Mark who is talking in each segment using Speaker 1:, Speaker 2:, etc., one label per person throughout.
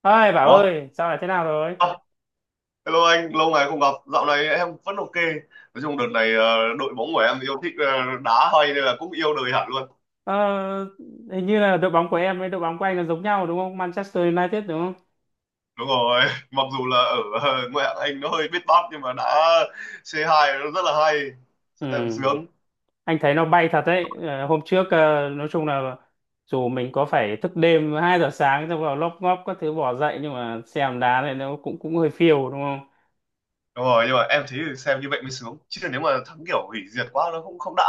Speaker 1: Ơi Bảo
Speaker 2: Ủa?
Speaker 1: ơi, sao lại thế nào rồi?
Speaker 2: À, hello anh, lâu ngày không gặp. Dạo này em vẫn ok. Nói chung đợt này đội bóng của em yêu thích đá hay nên là cũng yêu đời hẳn luôn.
Speaker 1: ờ, Hình như là đội bóng của em với đội bóng của anh là giống nhau, đúng không? Manchester United đúng không?
Speaker 2: Đúng rồi, mặc dù là ở ngoại hạng Anh nó hơi biết bát nhưng mà đá C2 nó rất là hay. Xem
Speaker 1: Ừ.
Speaker 2: sướng.
Speaker 1: Anh thấy nó bay thật đấy. Ờ, Hôm trước nói chung là dù mình có phải thức đêm 2 giờ sáng xong vào lóp ngóp các thứ bỏ dậy, nhưng mà xem đá này nó cũng cũng hơi phiêu, đúng không?
Speaker 2: Đúng rồi, nhưng mà em thấy xem như vậy mới sướng. Chứ nếu mà thắng kiểu hủy diệt quá nó không không đã.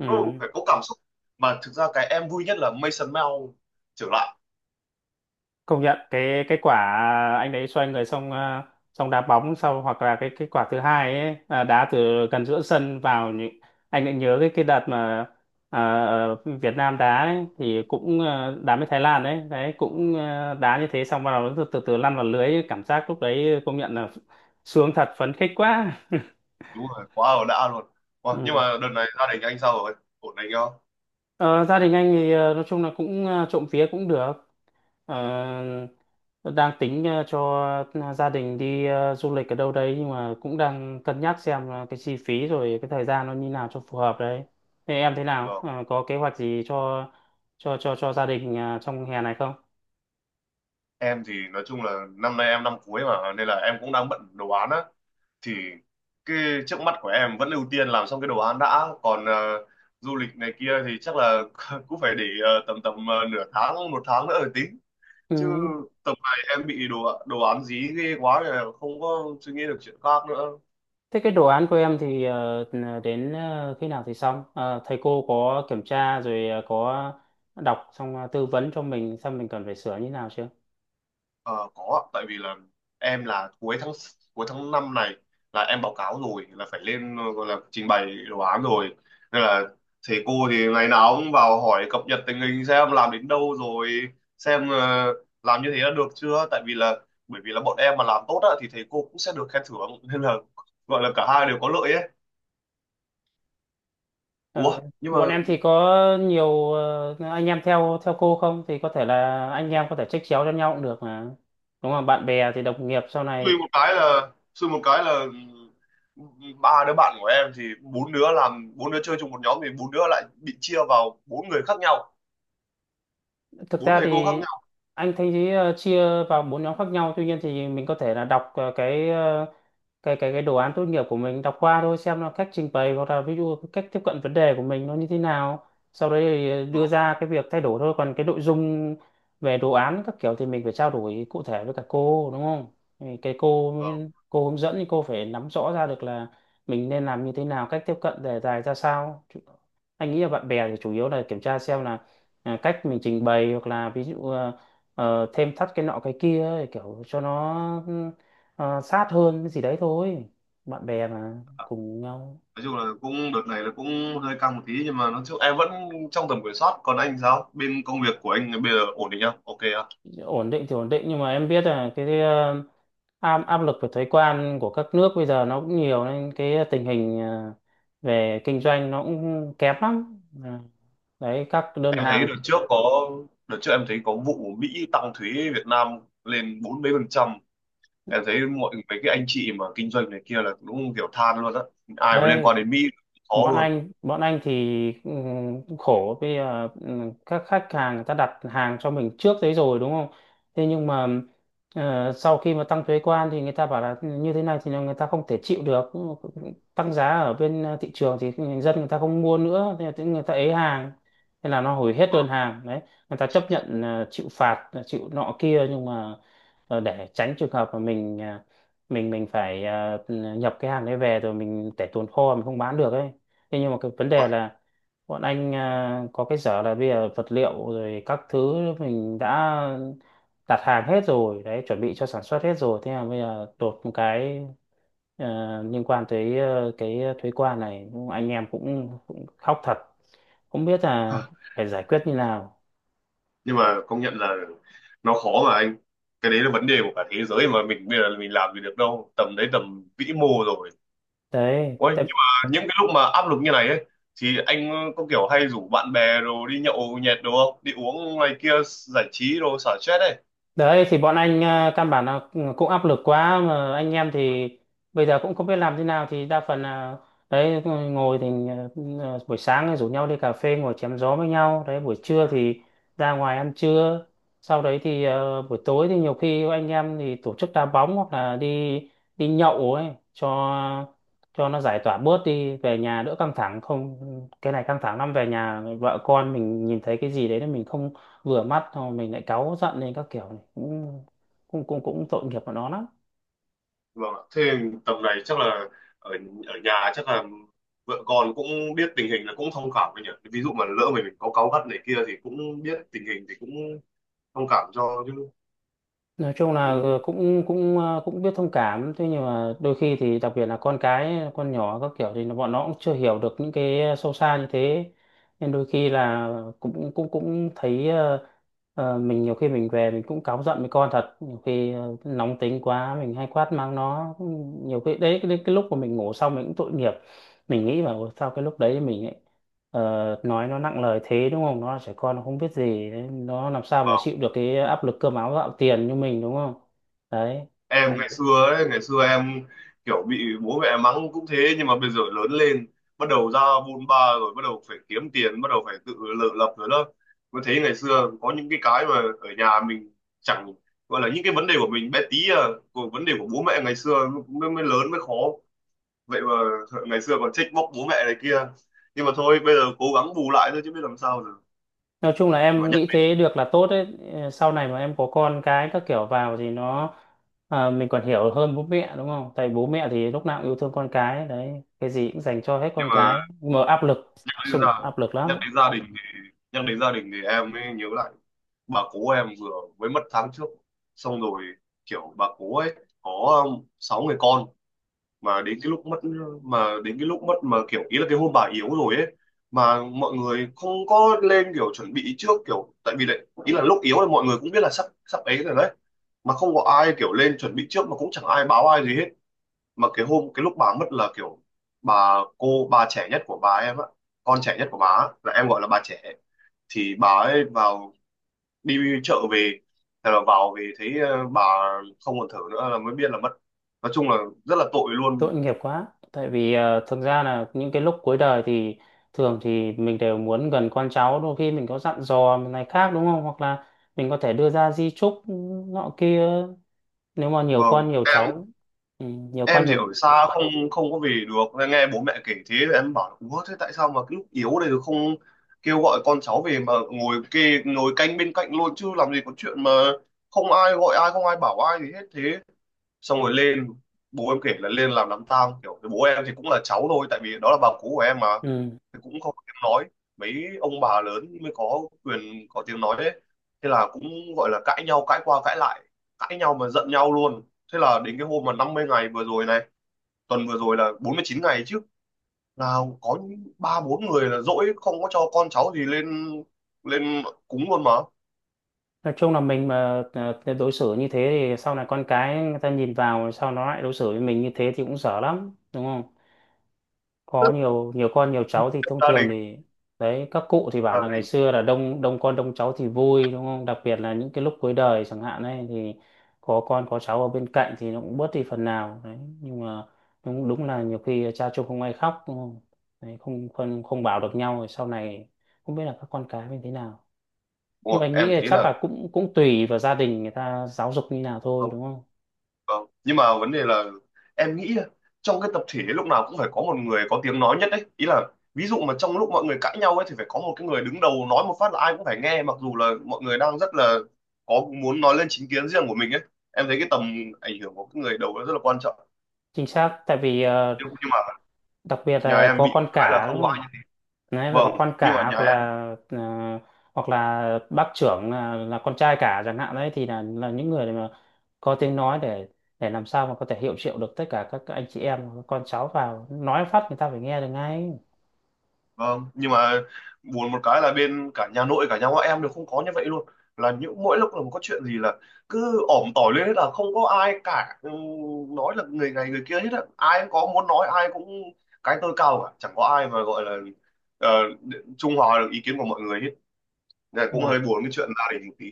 Speaker 1: Ừ.
Speaker 2: Nó phải có cảm xúc. Mà thực ra cái em vui nhất là Mason Mount trở lại.
Speaker 1: Công nhận cái quả anh đấy xoay người xong xong đá bóng sau, hoặc là cái quả thứ hai ấy, đá từ gần giữa sân vào, những anh lại nhớ cái đợt mà ờ, ờ, Việt Nam đá ấy, thì cũng đá với Thái Lan đấy, đấy cũng đá như thế, xong bắt đầu nó từ từ lăn vào lưới ấy. Cảm giác lúc đấy công nhận là sướng thật, phấn khích quá.
Speaker 2: Đúng rồi, quá là đã luôn. Ủa, nhưng
Speaker 1: Ừ.
Speaker 2: mà đợt này gia đình anh sao rồi? Ổn anh không?
Speaker 1: Ờ, Gia đình anh thì nói chung là cũng trộm vía cũng được. Ờ, tôi đang tính cho gia đình đi du lịch ở đâu đấy, nhưng mà cũng đang cân nhắc xem là cái chi phí rồi cái thời gian nó như nào cho phù hợp đấy. Thế em thế nào? Ờ, có kế hoạch gì cho gia đình trong hè này không?
Speaker 2: Em thì nói chung là năm nay em năm cuối mà nên là em cũng đang bận đồ án á, thì cái trước mắt của em vẫn ưu tiên làm xong cái đồ án đã, còn du lịch này kia thì chắc là cũng phải để tầm tầm nửa tháng một tháng nữa rồi tính, chứ
Speaker 1: Ừ.
Speaker 2: tầm này em bị đồ đồ án dí ghê quá rồi không có suy nghĩ được chuyện khác nữa.
Speaker 1: Thế cái đồ án của em thì đến khi nào thì xong? Ờ, Thầy cô có kiểm tra rồi có đọc xong tư vấn cho mình xem mình cần phải sửa như nào chưa?
Speaker 2: Ờ, có ạ. Tại vì là em là cuối tháng 5 này là em báo cáo rồi, là phải lên gọi là trình bày đồ án rồi, nên là thầy cô thì ngày nào cũng vào hỏi cập nhật tình hình xem làm đến đâu rồi, xem làm như thế đã được chưa. Tại vì là, bởi vì là bọn em mà làm tốt á, thì thầy cô cũng sẽ được khen thưởng nên là gọi là cả hai đều có lợi ấy.
Speaker 1: Ờ,
Speaker 2: Ủa, nhưng
Speaker 1: Bọn
Speaker 2: mà
Speaker 1: em thì có nhiều anh em theo theo cô không thì có thể là anh em có thể trách chéo cho nhau cũng được mà, đúng không? Bạn bè thì đồng nghiệp sau này,
Speaker 2: suy một cái là ba đứa bạn của em thì bốn đứa làm, bốn đứa chơi chung một nhóm, thì bốn đứa lại bị chia vào bốn người khác nhau,
Speaker 1: thực
Speaker 2: bốn
Speaker 1: ra
Speaker 2: thầy cô khác
Speaker 1: thì
Speaker 2: nhau.
Speaker 1: anh thấy ý, chia vào bốn nhóm khác nhau, tuy nhiên thì mình có thể là đọc cái đồ án tốt nghiệp của mình, đọc qua thôi xem là cách trình bày hoặc là ví dụ cách tiếp cận vấn đề của mình nó như thế nào, sau đấy thì đưa
Speaker 2: Vâng,
Speaker 1: ra cái việc thay đổi thôi, còn cái nội dung về đồ án các kiểu thì mình phải trao đổi cụ thể với cả cô, đúng không? Thì cái cô
Speaker 2: vâng.
Speaker 1: cô hướng dẫn thì cô phải nắm rõ ra được là mình nên làm như thế nào, cách tiếp cận đề tài ra sao. Anh nghĩ là bạn bè thì chủ yếu là kiểm tra xem là, à, cách mình trình bày hoặc là ví dụ thêm thắt cái nọ cái kia ấy, kiểu cho nó sát hơn cái gì đấy thôi, bạn bè mà cùng nhau.
Speaker 2: Nói chung là cũng đợt này là cũng hơi căng một tí, nhưng mà nói chung em vẫn trong tầm kiểm soát. Còn anh sao, bên công việc của anh bây giờ ổn định không, ok không?
Speaker 1: Ổn định thì ổn định, nhưng mà em biết là cái ờ, áp áp lực về thuế quan của các nước bây giờ nó cũng nhiều, nên cái tình hình về kinh doanh nó cũng kém lắm. À, đấy các đơn
Speaker 2: Em thấy
Speaker 1: hàng
Speaker 2: đợt trước có Đợt trước em thấy có vụ Mỹ tăng thuế Việt Nam lên bốn mấy phần trăm, em thấy mọi mấy cái anh chị mà kinh doanh này kia là đúng kiểu than luôn á, ai mà liên
Speaker 1: đây.
Speaker 2: quan đến Mỹ khó
Speaker 1: bọn
Speaker 2: luôn.
Speaker 1: anh bọn anh thì ừ, cũng khổ bây giờ. Ừ, các khách hàng người ta đặt hàng cho mình trước đấy rồi, đúng không? Thế nhưng mà sau khi mà tăng thuế quan thì người ta bảo là ừ, như thế này thì là người ta không thể chịu được. Ừ, tăng giá ở bên thị trường thì dân người ta không mua nữa, thế là tự người ta ế hàng, thế là nó hủy hết đơn hàng đấy. Người ta chấp nhận chịu phạt, chịu nọ kia, nhưng mà để tránh trường hợp mà mình mình phải nhập cái hàng đấy về rồi mình để tồn kho mình không bán được ấy. Thế nhưng mà cái vấn đề
Speaker 2: Uầy,
Speaker 1: là bọn anh à, có cái dở là bây giờ vật liệu rồi các thứ mình đã đặt hàng hết rồi đấy, chuẩn bị cho sản xuất hết rồi, thế mà bây giờ đột một cái liên quan tới cái thuế quan này, anh em cũng khóc thật, không biết là
Speaker 2: hả?
Speaker 1: phải giải quyết như nào.
Speaker 2: Nhưng mà công nhận là nó khó mà anh, cái đấy là vấn đề của cả thế giới mà, mình bây giờ là mình làm gì được đâu, tầm đấy tầm vĩ mô rồi.
Speaker 1: Đấy
Speaker 2: Ôi,
Speaker 1: tại.
Speaker 2: nhưng mà những cái lúc mà áp lực như này ấy thì anh có kiểu hay rủ bạn bè rồi đi nhậu nhẹt đồ không, đi uống này kia giải trí rồi xả stress ấy?
Speaker 1: Đấy thì bọn anh căn bản là cũng áp lực quá, mà anh em thì bây giờ cũng không biết làm thế nào, thì đa phần là đấy ngồi thì buổi sáng thì rủ nhau đi cà phê ngồi chém gió với nhau đấy, buổi trưa thì ra ngoài ăn trưa, sau đấy thì buổi tối thì nhiều khi anh em thì tổ chức đá bóng hoặc là đi đi nhậu ấy, cho cho nó giải tỏa bớt đi, về nhà đỡ căng thẳng không, cái này căng thẳng lắm, về nhà vợ con mình nhìn thấy cái gì đấy là mình không vừa mắt thôi mình lại cáu giận lên các kiểu, này cũng cũng tội nghiệp của nó lắm.
Speaker 2: Vâng ạ, thế tầm này chắc là ở ở nhà chắc là vợ con cũng biết tình hình là cũng thông cảm với nhỉ, ví dụ mà lỡ mình có cáu gắt này kia thì cũng biết tình hình thì cũng thông cảm cho chứ.
Speaker 1: Nói chung là cũng cũng cũng biết thông cảm, thế nhưng mà đôi khi thì đặc biệt là con cái con nhỏ các kiểu thì bọn nó cũng chưa hiểu được những cái sâu xa như thế, nên đôi khi là cũng cũng cũng thấy mình nhiều khi mình về mình cũng cáu giận với con thật, nhiều khi nóng tính quá mình hay quát mắng nó, nhiều khi đấy cái lúc mà mình ngủ xong mình cũng tội nghiệp, mình nghĩ vào sao cái lúc đấy mình lại Ờ, nói nó nặng lời thế, đúng không? Nó là trẻ con nó không biết gì đấy. Nó làm sao mà chịu được cái áp lực cơm áo gạo tiền như mình, đúng không? Đấy.
Speaker 2: Em
Speaker 1: Thế nhưng-
Speaker 2: ngày xưa ấy, ngày xưa em kiểu bị bố mẹ mắng cũng thế, nhưng mà bây giờ lớn lên bắt đầu ra bôn ba rồi bắt đầu phải kiếm tiền, bắt đầu phải tự tự lập rồi đó, mới thấy ngày xưa có những cái mà ở nhà mình chẳng gọi là, những cái vấn đề của mình bé tí à, của vấn đề của bố mẹ ngày xưa mới lớn mới khó. Vậy mà ngày xưa còn trách móc bố mẹ này kia, nhưng mà thôi bây giờ cố gắng bù lại thôi chứ biết làm sao giờ.
Speaker 1: nói chung là
Speaker 2: Mà
Speaker 1: em
Speaker 2: nhắc
Speaker 1: nghĩ thế được là tốt đấy. Sau này mà em có con cái các kiểu vào thì nó, à, mình còn hiểu hơn bố mẹ, đúng không? Tại bố mẹ thì lúc nào cũng yêu thương con cái đấy, cái gì cũng dành cho hết
Speaker 2: nhưng
Speaker 1: con
Speaker 2: mà
Speaker 1: cái, mà áp lực,
Speaker 2: nhắc đến gia
Speaker 1: sùng áp lực
Speaker 2: nhắc
Speaker 1: lắm.
Speaker 2: đến gia đình thì nhắc đến gia đình thì em mới nhớ lại bà cố em vừa mới mất tháng trước xong rồi, kiểu bà cố ấy có sáu người con. Mà đến cái lúc mất, mà kiểu ý là cái hôm bà yếu rồi ấy, mà mọi người không có lên kiểu chuẩn bị trước, kiểu tại vì đấy ý là lúc yếu là mọi người cũng biết là sắp sắp ấy rồi đấy, mà không có ai kiểu lên chuẩn bị trước, mà cũng chẳng ai báo ai gì hết. Mà cái hôm cái lúc bà mất là kiểu bà cô, bà trẻ nhất của bà em á, con trẻ nhất của bà á, là em gọi là bà trẻ, thì bà ấy vào, đi chợ về, thế là vào về thấy bà không còn thở nữa là mới biết là mất. Nói chung là rất là tội luôn.
Speaker 1: Tội nghiệp quá, tại vì thực ra là những cái lúc cuối đời thì thường thì mình đều muốn gần con cháu, đôi khi mình có dặn dò này khác, đúng không? Hoặc là mình có thể đưa ra di chúc nọ kia nếu mà nhiều
Speaker 2: Vâng,
Speaker 1: con nhiều cháu. Ừ, nhiều
Speaker 2: em
Speaker 1: con
Speaker 2: thì
Speaker 1: nhiều,
Speaker 2: ở xa không không có về được, nên nghe bố mẹ kể thế em bảo là "Ủa, thế tại sao mà cái lúc yếu này rồi không kêu gọi con cháu về mà ngồi kê, ngồi canh bên cạnh luôn, chứ làm gì có chuyện mà không ai gọi ai, không ai bảo ai gì hết thế?" Xong rồi lên, bố em kể là lên làm đám tang, kiểu bố em thì cũng là cháu thôi, tại vì đó là bà cú của em mà,
Speaker 1: ừ.
Speaker 2: thì cũng không có tiếng nói. Mấy ông bà lớn mới có quyền có tiếng nói đấy. Thế là cũng gọi là cãi nhau, cãi qua cãi lại, cãi nhau mà giận nhau luôn. Thế là đến cái hôm mà 50 ngày vừa rồi này, tuần vừa rồi là 49 ngày chứ, là có những ba bốn người là dỗi không có cho con cháu gì lên lên cúng luôn mà.
Speaker 1: Nói chung là mình mà đối xử như thế thì sau này con cái người ta nhìn vào sau nó lại đối xử với mình như thế thì cũng dở lắm, đúng không? Có
Speaker 2: Rất
Speaker 1: nhiều nhiều con nhiều cháu thì
Speaker 2: là
Speaker 1: thông
Speaker 2: gia
Speaker 1: thường
Speaker 2: đình.
Speaker 1: thì đấy các cụ thì bảo
Speaker 2: Gia
Speaker 1: là ngày
Speaker 2: đình.
Speaker 1: xưa là đông đông con đông cháu thì vui, đúng không? Đặc biệt là những cái lúc cuối đời chẳng hạn ấy, thì có con có cháu ở bên cạnh thì nó cũng bớt đi phần nào đấy, nhưng mà đúng đúng là nhiều khi cha chung không ai khóc, đúng không? Đấy, không không không bảo được nhau, rồi sau này không biết là các con cái như thế nào.
Speaker 2: Đúng
Speaker 1: Nhưng mà
Speaker 2: rồi,
Speaker 1: anh
Speaker 2: em
Speaker 1: nghĩ là
Speaker 2: thấy
Speaker 1: chắc
Speaker 2: là
Speaker 1: là cũng cũng tùy vào gia đình người ta giáo dục như nào thôi, đúng không?
Speaker 2: vâng. Nhưng mà vấn đề là em nghĩ trong cái tập thể lúc nào cũng phải có một người có tiếng nói nhất đấy. Ý là ví dụ mà trong lúc mọi người cãi nhau ấy thì phải có một cái người đứng đầu nói một phát là ai cũng phải nghe, mặc dù là mọi người đang rất là có muốn nói lên chính kiến riêng của mình ấy. Em thấy cái tầm ảnh hưởng của cái người đầu nó rất là quan trọng.
Speaker 1: Chính xác, tại vì
Speaker 2: Nhưng mà
Speaker 1: đặc biệt
Speaker 2: nhà
Speaker 1: là
Speaker 2: em
Speaker 1: có
Speaker 2: bị
Speaker 1: con
Speaker 2: cái là
Speaker 1: cả, đúng
Speaker 2: không có
Speaker 1: không?
Speaker 2: ai.
Speaker 1: Đấy phải
Speaker 2: Vâng,
Speaker 1: có con
Speaker 2: nhưng
Speaker 1: cả,
Speaker 2: mà
Speaker 1: hoặc là
Speaker 2: nhà
Speaker 1: ờ, hoặc là bác trưởng là con trai cả chẳng hạn đấy, thì là những người mà có tiếng nói để làm sao mà có thể hiệu triệu được tất cả các anh chị em các con cháu vào, nói phát người ta phải nghe được ngay.
Speaker 2: Vâng, nhưng mà buồn một cái là bên cả nhà nội cả nhà ngoại em đều không có như vậy luôn. Là những mỗi lúc là có chuyện gì là cứ ỏm tỏi lên hết là không có ai cả, ừ, nói là người này người kia hết á. Ai cũng có muốn nói, ai cũng cái tôi cao cả, chẳng có ai mà gọi là ờ, trung hòa được ý kiến của mọi người hết. Nên
Speaker 1: nhưng
Speaker 2: cũng
Speaker 1: mà
Speaker 2: hơi buồn cái chuyện gia đình một tí.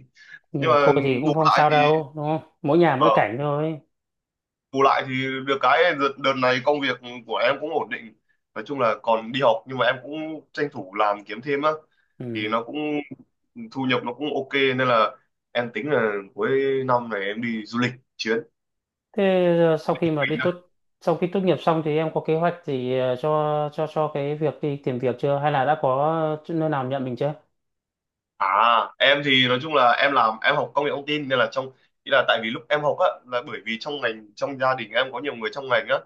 Speaker 1: nhưng
Speaker 2: Nhưng
Speaker 1: mà
Speaker 2: mà
Speaker 1: thôi thì
Speaker 2: bù
Speaker 1: cũng không
Speaker 2: lại
Speaker 1: sao
Speaker 2: thì
Speaker 1: đâu, đúng không? Mỗi nhà mỗi
Speaker 2: vâng,
Speaker 1: cảnh thôi.
Speaker 2: bù lại thì được cái đợt này công việc của em cũng ổn định. Nói chung là còn đi học nhưng mà em cũng tranh thủ làm kiếm thêm á, thì
Speaker 1: Ừ.
Speaker 2: nó cũng thu nhập nó cũng ok, nên là em tính là cuối năm này em đi du lịch chuyến.
Speaker 1: Thế giờ sau khi mà đi tốt, sau khi tốt nghiệp xong thì em có kế hoạch gì cho cho cái việc đi tìm việc chưa, hay là đã có chỗ- nơi nào nhận mình chưa?
Speaker 2: À, em thì nói chung là em làm, em học công nghệ thông tin nên là trong, ý là tại vì lúc em học á là bởi vì trong ngành, trong gia đình em có nhiều người trong ngành á,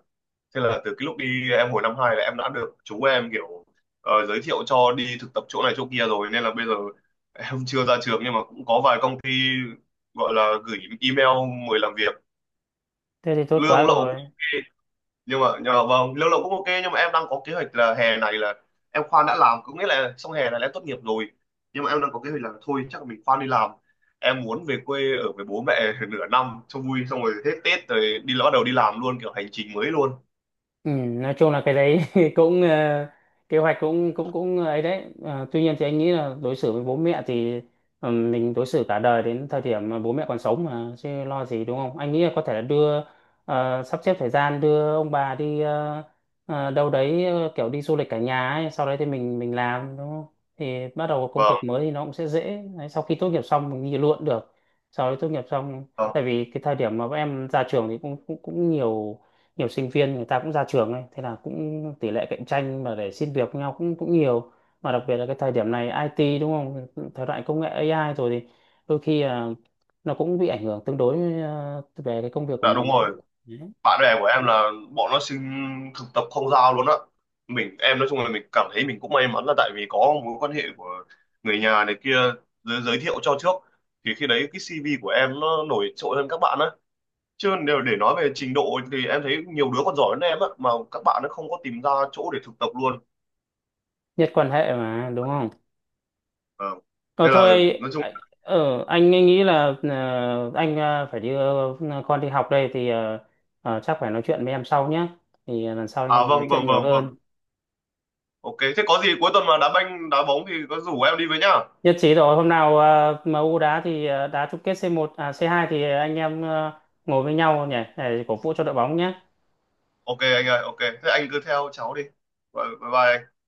Speaker 2: thế là từ cái lúc đi em hồi năm hai là em đã được chú em kiểu giới thiệu cho đi thực tập chỗ này chỗ kia rồi, nên là bây giờ em chưa ra trường nhưng mà cũng có vài công ty gọi là gửi email mời làm việc,
Speaker 1: Thế thì tốt quá
Speaker 2: lương lậu cũng
Speaker 1: rồi.
Speaker 2: ok. Nhưng mà vâng, lâu lậu cũng ok nhưng mà em đang có kế hoạch là hè này là em khoan đã làm, có nghĩa là xong hè này là em tốt nghiệp rồi, nhưng mà em đang có kế hoạch là thôi chắc là mình khoan đi làm, em muốn về quê ở với bố mẹ nửa năm cho vui, xong rồi hết Tết rồi đi, bắt đầu đi làm luôn, kiểu hành trình mới luôn.
Speaker 1: Ừ, nói chung là cái đấy cũng kế hoạch cũng cũng cũng ấy đấy. Ờ, tuy nhiên thì anh nghĩ là đối xử với bố mẹ thì mình đối xử cả đời đến thời điểm mà bố mẹ còn sống mà, chứ lo gì, đúng không? Anh nghĩ là có thể là đưa sắp xếp thời gian đưa ông bà đi đâu đấy, kiểu đi du lịch cả nhà ấy, sau đấy thì mình làm, đúng không? Thì bắt đầu công
Speaker 2: Vâng,
Speaker 1: việc mới thì nó cũng sẽ dễ đấy, sau khi tốt nghiệp xong mình đi luôn cũng được, sau đấy tốt nghiệp xong.
Speaker 2: vâng.
Speaker 1: Tại vì cái thời điểm mà bọn em ra trường thì cũng cũng cũng nhiều, nhiều sinh viên người ta cũng ra trường ấy, thế là cũng tỷ lệ cạnh tranh mà để xin việc với nhau cũng cũng nhiều, mà đặc biệt là cái thời điểm này IT đúng không, thời đại công nghệ AI rồi, thì đôi khi là nó cũng bị ảnh hưởng tương đối về cái công việc của
Speaker 2: Dạ đúng
Speaker 1: mình ấy.
Speaker 2: rồi,
Speaker 1: Đấy.
Speaker 2: bạn bè của em là bọn nó xin thực tập không giao luôn á. Mình em nói chung là mình cảm thấy mình cũng may mắn là tại vì có mối quan hệ của người nhà này kia giới thiệu cho trước, thì khi đấy cái CV của em nó nổi trội hơn các bạn á, chứ nếu để nói về trình độ thì em thấy nhiều đứa còn giỏi hơn em á mà các bạn nó không có tìm ra chỗ để thực tập luôn.
Speaker 1: Nhất quan hệ mà, đúng không?
Speaker 2: À,
Speaker 1: Ờ,
Speaker 2: nên
Speaker 1: Thôi
Speaker 2: là nói chung,
Speaker 1: anh- anh nghĩ là anh phải đi, con đi học đây, thì chắc phải nói chuyện với em sau nhé, thì lần sau anh em
Speaker 2: à,
Speaker 1: mình nói
Speaker 2: vâng
Speaker 1: chuyện
Speaker 2: vâng
Speaker 1: nhiều
Speaker 2: vâng vâng,
Speaker 1: hơn.
Speaker 2: ok thế có gì cuối tuần mà đá banh đá bóng thì có rủ em đi với nhá.
Speaker 1: Nhất trí rồi, hôm nào em u đá thì đá chung kết C1 à C2 thì anh em ngồi với nhau nhỉ, để cổ vũ cho đội bóng nhé.
Speaker 2: Ok anh ơi, ok thế anh cứ theo cháu đi. Bye. Bye.